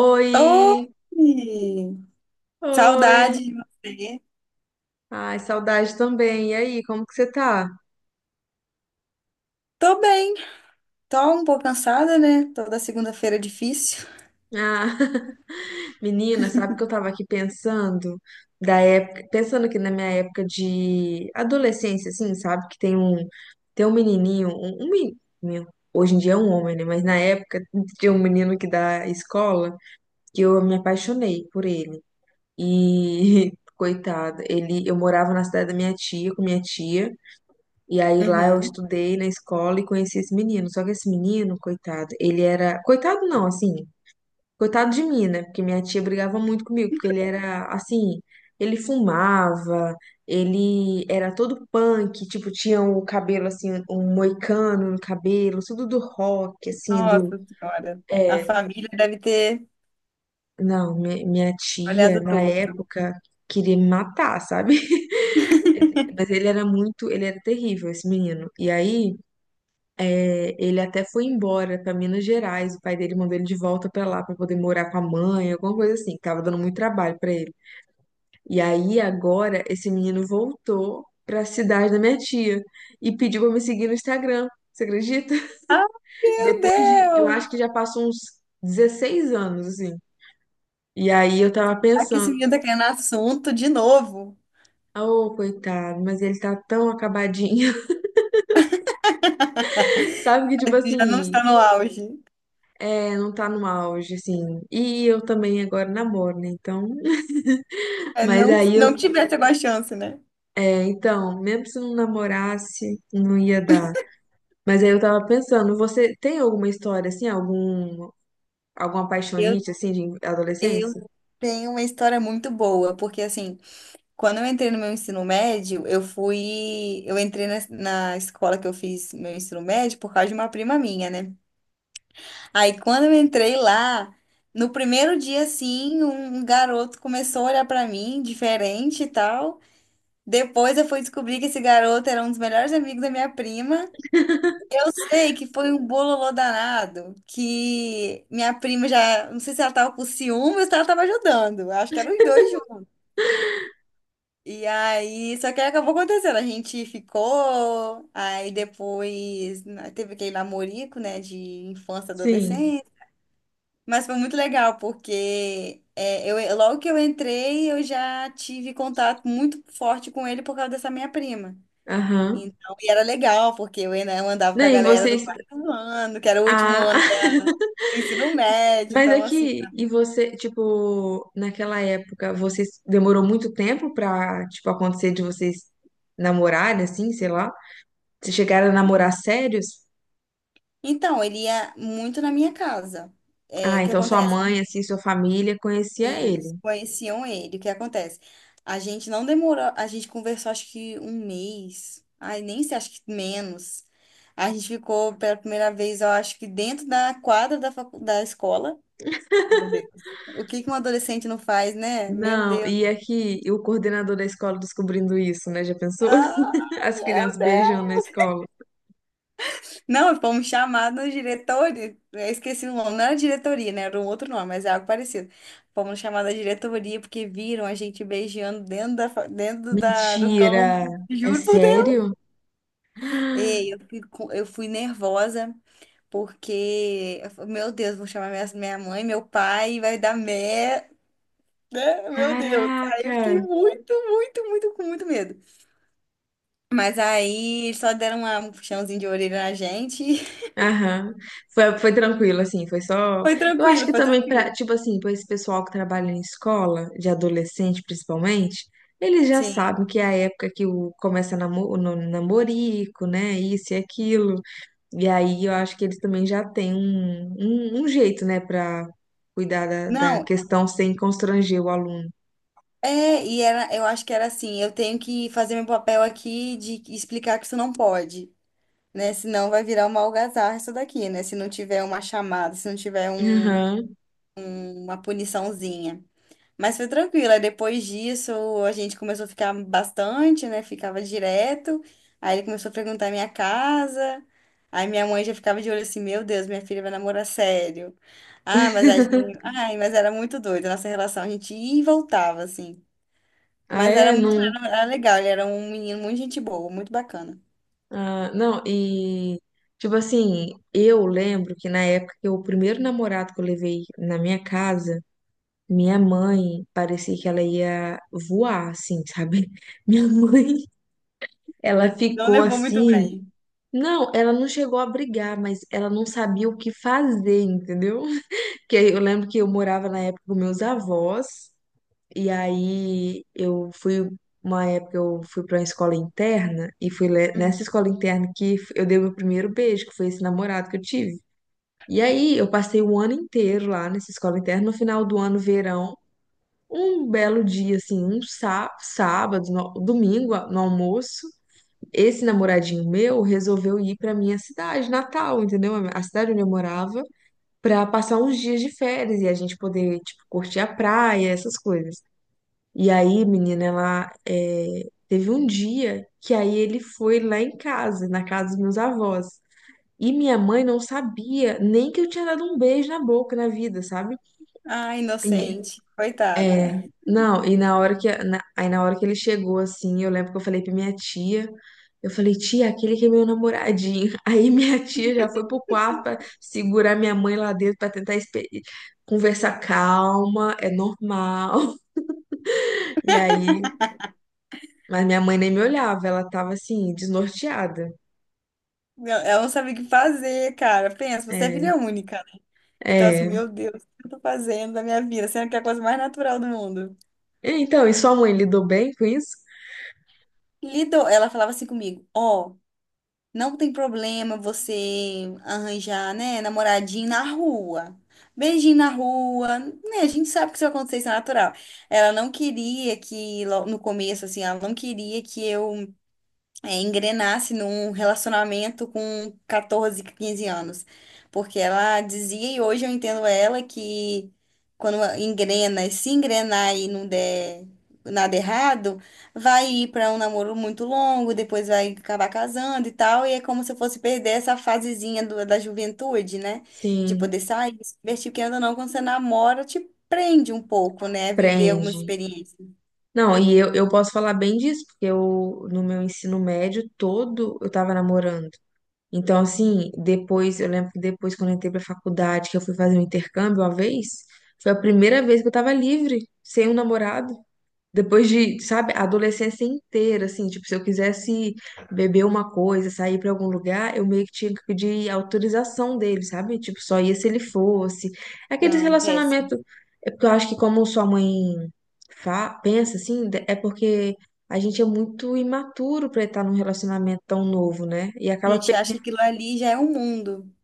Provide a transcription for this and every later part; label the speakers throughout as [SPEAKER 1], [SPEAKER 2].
[SPEAKER 1] Oi,
[SPEAKER 2] Oi! Saudade
[SPEAKER 1] oi.
[SPEAKER 2] de você.
[SPEAKER 1] Ai, saudade também. E aí, como que você tá?
[SPEAKER 2] Tô bem, tô um pouco cansada, né? Toda segunda-feira é difícil.
[SPEAKER 1] Ah, menina, sabe que eu tava aqui pensando da época, pensando aqui na minha época de adolescência, assim, sabe? Que tem um, tem um menino, hoje em dia é um homem, né? Mas na época tinha um menino que da escola que eu me apaixonei por ele. E coitado, ele, eu morava na cidade da minha tia, com minha tia. E aí lá eu
[SPEAKER 2] Uhum.
[SPEAKER 1] estudei na escola e conheci esse menino. Só que esse menino, coitado, ele era. Coitado não, assim. Coitado de mim, né? Porque minha tia brigava muito comigo, porque ele era assim. Ele fumava, ele era todo punk, tipo, tinha o cabelo assim, um moicano no cabelo, tudo do rock, assim, do.
[SPEAKER 2] Nossa Senhora, a
[SPEAKER 1] É,
[SPEAKER 2] família deve ter
[SPEAKER 1] não, minha tia,
[SPEAKER 2] olhado
[SPEAKER 1] na
[SPEAKER 2] torto.
[SPEAKER 1] época, queria me matar, sabe? Mas ele era muito, ele era terrível, esse menino. E aí. É, ele até foi embora para Minas Gerais, o pai dele mandou ele de volta para lá para poder morar com a mãe, alguma coisa assim, que tava dando muito trabalho para ele. E aí agora esse menino voltou para a cidade da minha tia e pediu para me seguir no Instagram. Você acredita?
[SPEAKER 2] Ah, meu
[SPEAKER 1] Depois de, eu acho
[SPEAKER 2] Deus!
[SPEAKER 1] que já passou uns 16 anos assim. E aí eu tava
[SPEAKER 2] Aqui esse
[SPEAKER 1] pensando,
[SPEAKER 2] menino tá querendo assunto de novo.
[SPEAKER 1] oh, coitado, mas ele tá tão acabadinho. Sabe que tipo
[SPEAKER 2] Parece que já não
[SPEAKER 1] assim,
[SPEAKER 2] está no auge.
[SPEAKER 1] é, não tá no auge assim. E eu também agora namoro, né? Então
[SPEAKER 2] É,
[SPEAKER 1] mas
[SPEAKER 2] não,
[SPEAKER 1] aí
[SPEAKER 2] não
[SPEAKER 1] eu,
[SPEAKER 2] tivesse alguma chance, né?
[SPEAKER 1] é, então, mesmo se não namorasse, não ia dar. Mas aí eu tava pensando, você tem alguma história assim, alguma
[SPEAKER 2] Eu,
[SPEAKER 1] paixonite assim de
[SPEAKER 2] eu
[SPEAKER 1] adolescência?
[SPEAKER 2] tenho uma história muito boa, porque assim, quando eu entrei no meu ensino médio, eu fui. Eu entrei na escola que eu fiz meu ensino médio por causa de uma prima minha, né? Aí quando eu entrei lá, no primeiro dia, assim, um garoto começou a olhar pra mim, diferente e tal. Depois eu fui descobrir que esse garoto era um dos melhores amigos da minha prima. Eu sei que foi um bololô danado, que minha prima já, não sei se ela tava com ciúme ou se ela tava ajudando. Acho que eram os dois. E aí, só que aí acabou acontecendo. A gente ficou, aí depois né, teve aquele namorico, né, de infância,
[SPEAKER 1] Sim.
[SPEAKER 2] adolescência. Mas foi muito legal, porque é, eu, logo que eu entrei, eu já tive contato muito forte com ele por causa dessa minha prima.
[SPEAKER 1] Aham.
[SPEAKER 2] Então, e era legal, porque eu, eu andava
[SPEAKER 1] Não,
[SPEAKER 2] com a
[SPEAKER 1] e
[SPEAKER 2] galera do
[SPEAKER 1] vocês
[SPEAKER 2] quarto ano, que era o último
[SPEAKER 1] ah,
[SPEAKER 2] ano do ensino médio.
[SPEAKER 1] mas
[SPEAKER 2] Então, assim.
[SPEAKER 1] aqui e você, tipo, naquela época, vocês demorou muito tempo pra, tipo, acontecer de vocês namorarem assim, sei lá? Vocês chegaram a namorar sérios?
[SPEAKER 2] Então, ele ia muito na minha casa. É,
[SPEAKER 1] Ah,
[SPEAKER 2] o que
[SPEAKER 1] então sua mãe,
[SPEAKER 2] acontece?
[SPEAKER 1] assim, sua família conhecia
[SPEAKER 2] Isso,
[SPEAKER 1] ele.
[SPEAKER 2] conheciam ele. O que acontece? A gente não demorou, a gente conversou acho que um mês. Ai, nem sei, acho que menos. A gente ficou pela primeira vez, eu acho que dentro da quadra da escola. Meu Deus. O que que um adolescente não faz, né? Meu
[SPEAKER 1] Não,
[SPEAKER 2] Deus.
[SPEAKER 1] e aqui o coordenador da escola descobrindo isso, né? Já pensou?
[SPEAKER 2] Ai,
[SPEAKER 1] As
[SPEAKER 2] meu
[SPEAKER 1] crianças
[SPEAKER 2] Deus.
[SPEAKER 1] beijando na escola.
[SPEAKER 2] Não, fomos chamados diretoria. Eu esqueci o nome, não era diretoria, né? Era um outro nome, mas é algo parecido. Fomos chamados da diretoria porque viram a gente beijando dentro da, do
[SPEAKER 1] Mentira!
[SPEAKER 2] campo.
[SPEAKER 1] É
[SPEAKER 2] Juro por Deus.
[SPEAKER 1] sério?
[SPEAKER 2] E eu fui nervosa porque, eu falei, meu Deus, vou chamar minha mãe, meu pai, vai dar merda. Meu Deus. Aí eu fiquei
[SPEAKER 1] Caraca!
[SPEAKER 2] muito, muito, muito, com muito medo. Mas aí eles só deram um puxãozinho de orelha na gente.
[SPEAKER 1] Aham. Foi, foi tranquilo, assim, foi só.
[SPEAKER 2] Foi
[SPEAKER 1] Eu acho
[SPEAKER 2] tranquilo,
[SPEAKER 1] que
[SPEAKER 2] foi
[SPEAKER 1] também
[SPEAKER 2] tranquilo.
[SPEAKER 1] pra, tipo assim, pra esse pessoal que trabalha em escola, de adolescente principalmente, eles já sabem
[SPEAKER 2] Sim.
[SPEAKER 1] que é a época que o, começa namo, o namorico, né? Isso e aquilo. E aí eu acho que eles também já têm um jeito, né, para cuidar da, da
[SPEAKER 2] Não,
[SPEAKER 1] questão sem constranger o aluno.
[SPEAKER 2] é, e era, eu acho que era assim, eu tenho que fazer meu papel aqui de explicar que isso não pode, né? Senão vai virar uma algazarra isso daqui, né? Se não tiver uma chamada, se não tiver
[SPEAKER 1] Aham.
[SPEAKER 2] uma puniçãozinha. Mas foi tranquilo, aí depois disso a gente começou a ficar bastante, né? Ficava direto. Aí ele começou a perguntar a minha casa. Aí minha mãe já ficava de olho assim, meu Deus, minha filha vai namorar sério. Ah, mas a gente, ai, mas era muito doido a nossa relação, a gente ia e voltava assim.
[SPEAKER 1] Ah,
[SPEAKER 2] Mas era
[SPEAKER 1] é,
[SPEAKER 2] muito,
[SPEAKER 1] não.
[SPEAKER 2] era, era legal, ele era um menino muito gente boa, muito bacana.
[SPEAKER 1] Ah, não, e tipo assim, eu lembro que na época que o primeiro namorado que eu levei na minha casa, minha mãe parecia que ela ia voar, assim, sabe? Minha mãe, ela
[SPEAKER 2] Não
[SPEAKER 1] ficou
[SPEAKER 2] levou muito
[SPEAKER 1] assim.
[SPEAKER 2] bem.
[SPEAKER 1] Não, ela não chegou a brigar, mas ela não sabia o que fazer, entendeu? Que eu lembro que eu morava na época com meus avós, e aí eu fui, uma época eu fui para uma escola interna, e nessa escola interna eu dei meu primeiro beijo, que foi esse namorado que eu tive. E aí eu passei o ano inteiro lá nessa escola interna, no final do ano, verão, um belo dia, assim, um sá sábado, domingo, no almoço, esse namoradinho meu resolveu ir para minha cidade, Natal, entendeu? A cidade onde eu morava para passar uns dias de férias e a gente poder, tipo, curtir a praia, essas coisas. E aí, menina, ela é, teve um dia que aí ele foi lá em casa, na casa dos meus avós. E minha mãe não sabia nem que eu tinha dado um beijo na boca na vida, sabe?
[SPEAKER 2] Ah,
[SPEAKER 1] E
[SPEAKER 2] inocente, coitada.
[SPEAKER 1] é, não, e na hora que, aí na hora que ele chegou, assim, eu lembro que eu falei pra minha tia, eu falei, tia, aquele que é meu namoradinho. Aí minha tia já foi pro quarto pra segurar minha mãe lá dentro pra tentar conversar calma, é normal. E aí, mas minha mãe nem me olhava, ela tava assim, desnorteada.
[SPEAKER 2] Não, ela não sabia o que fazer, cara. Pensa, você é
[SPEAKER 1] É,
[SPEAKER 2] filha única, né? Então, assim,
[SPEAKER 1] é.
[SPEAKER 2] meu Deus, o que eu tô fazendo da minha vida? Sendo que é a coisa mais natural do mundo.
[SPEAKER 1] Então, e sua mãe lidou bem com isso?
[SPEAKER 2] Lido, ela falava assim comigo, ó. Não tem problema você arranjar, né, namoradinho na rua. Beijinho na rua, né? A gente sabe que isso vai acontecer, isso é natural. Ela não queria que, no começo, assim, ela não queria que eu engrenasse num relacionamento com 14, 15 anos. Porque ela dizia, e hoje eu entendo ela, que quando engrena, e se engrenar e não der nada errado, vai ir para um namoro muito longo, depois vai acabar casando e tal, e é como se eu fosse perder essa fasezinha da juventude, né? De
[SPEAKER 1] Sim,
[SPEAKER 2] poder sair, se divertir, porque ainda não, quando você namora, te prende um pouco, né? Viver algumas
[SPEAKER 1] prende.
[SPEAKER 2] experiências.
[SPEAKER 1] Não, e eu posso falar bem disso, porque eu, no meu ensino médio todo, eu tava namorando. Então, assim, depois, eu lembro que depois, quando eu entrei pra faculdade, que eu fui fazer um intercâmbio uma vez, foi a primeira vez que eu tava livre, sem um namorado. Depois de, sabe, a adolescência inteira, assim, tipo, se eu quisesse beber uma coisa, sair pra algum lugar, eu meio que tinha que pedir autorização dele, sabe? Tipo, só ia se ele fosse. Aquele
[SPEAKER 2] Não, péssimo.
[SPEAKER 1] relacionamento, é porque eu acho que como sua mãe fa pensa assim, de- é porque a gente é muito imaturo pra estar num relacionamento tão novo, né? E
[SPEAKER 2] A
[SPEAKER 1] acaba
[SPEAKER 2] gente
[SPEAKER 1] per-
[SPEAKER 2] acha que aquilo ali já é um mundo.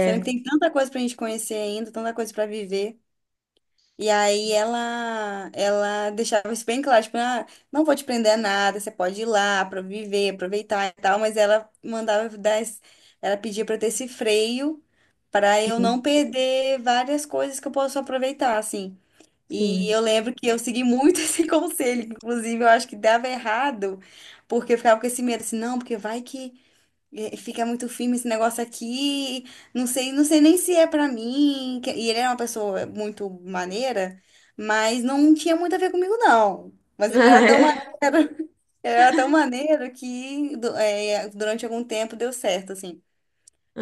[SPEAKER 2] Sendo que tem tanta coisa pra gente conhecer ainda, tanta coisa pra viver. E aí ela deixava isso bem claro, tipo, ah, não vou te prender a nada, você pode ir lá para viver, aproveitar e tal, mas ela mandava eu dar, ela pedia para ter esse freio para eu não
[SPEAKER 1] sim.
[SPEAKER 2] perder várias coisas que eu posso aproveitar, assim. E
[SPEAKER 1] Sim.
[SPEAKER 2] eu lembro que eu segui muito esse conselho, inclusive eu acho que dava errado, porque eu ficava com esse medo, assim, não, porque vai que e fica muito firme esse negócio aqui. Não sei, não sei nem se é pra mim. E ele era uma pessoa muito maneira, mas não tinha muito a ver comigo, não. Mas ele
[SPEAKER 1] Ah,
[SPEAKER 2] era tão maneiro,
[SPEAKER 1] é.
[SPEAKER 2] ele era tão maneiro que é, durante algum tempo deu certo, assim.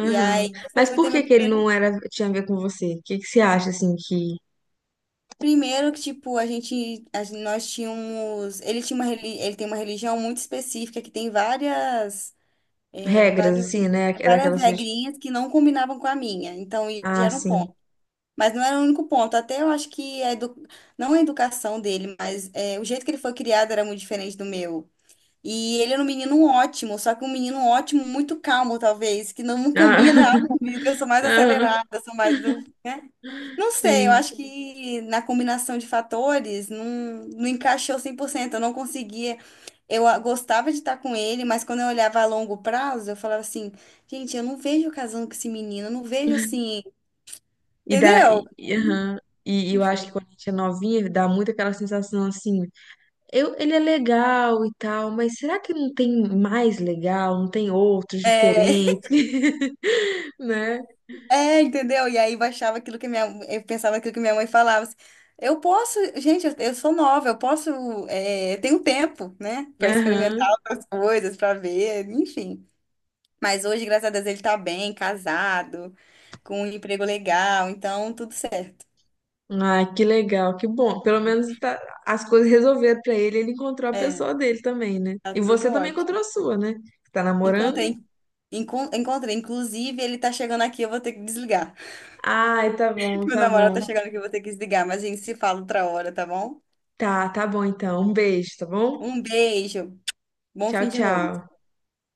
[SPEAKER 2] E aí eu só
[SPEAKER 1] Mas
[SPEAKER 2] fui
[SPEAKER 1] por
[SPEAKER 2] ter
[SPEAKER 1] que
[SPEAKER 2] meu
[SPEAKER 1] que ele
[SPEAKER 2] primeiro.
[SPEAKER 1] não era tinha a ver com você? O que que você acha assim que
[SPEAKER 2] Primeiro que, tipo, a gente, nós tínhamos. Ele tinha uma, ele tem uma religião muito específica que tem várias,
[SPEAKER 1] regras,
[SPEAKER 2] vários,
[SPEAKER 1] assim, né? É
[SPEAKER 2] várias
[SPEAKER 1] daquelas. Que-
[SPEAKER 2] regrinhas que não combinavam com a minha. Então, isso já
[SPEAKER 1] ah,
[SPEAKER 2] era um
[SPEAKER 1] sim.
[SPEAKER 2] ponto. Mas não era o único ponto. Até eu acho que a edu... não a educação dele, mas é, o jeito que ele foi criado era muito diferente do meu. E ele era um menino ótimo, só que um menino ótimo, muito calmo, talvez, que não
[SPEAKER 1] Ah,
[SPEAKER 2] combina algo comigo. Eu sou mais
[SPEAKER 1] aham,
[SPEAKER 2] acelerada, eu sou mais do. Né? Não sei, eu
[SPEAKER 1] sim.
[SPEAKER 2] acho que na combinação de fatores não, não encaixou 100%. Eu não conseguia. Eu ah, gostava de estar com ele, mas quando eu olhava a longo prazo, eu falava assim: gente, eu não vejo eu casando com esse menino, eu não vejo assim.
[SPEAKER 1] E dá.
[SPEAKER 2] Entendeu?
[SPEAKER 1] Aham. E
[SPEAKER 2] Não
[SPEAKER 1] eu acho que
[SPEAKER 2] foi.
[SPEAKER 1] quando a gente é novinha, dá muito aquela sensação assim. Eu, ele é legal e tal, mas será que não tem mais legal? Não tem outros
[SPEAKER 2] É,
[SPEAKER 1] diferentes? Né?
[SPEAKER 2] é, entendeu? E aí baixava aquilo que minha, eu pensava aquilo que minha mãe falava. Assim, eu posso, gente, eu sou nova, eu posso, eu tenho tempo, né, pra
[SPEAKER 1] Aham.
[SPEAKER 2] experimentar outras coisas, pra ver, enfim. Mas hoje, graças a Deus, ele tá bem, casado, com um emprego legal, então tudo certo.
[SPEAKER 1] Ah, que legal, que bom. Pelo menos tá- as coisas resolveram pra ele, ele encontrou a
[SPEAKER 2] É,
[SPEAKER 1] pessoa dele também, né?
[SPEAKER 2] tá
[SPEAKER 1] E
[SPEAKER 2] tudo
[SPEAKER 1] você também
[SPEAKER 2] ótimo.
[SPEAKER 1] encontrou a sua, né? Tá namorando?
[SPEAKER 2] Encontrei, encontrei. Inclusive, ele tá chegando aqui, eu vou ter que desligar.
[SPEAKER 1] Ai, tá bom,
[SPEAKER 2] Meu
[SPEAKER 1] tá
[SPEAKER 2] namorado
[SPEAKER 1] bom.
[SPEAKER 2] tá chegando aqui, eu vou ter que desligar, mas a gente se fala outra hora, tá bom?
[SPEAKER 1] Tá, tá bom então. Um beijo, tá bom?
[SPEAKER 2] Um beijo, bom
[SPEAKER 1] Tchau,
[SPEAKER 2] fim de noite.
[SPEAKER 1] tchau.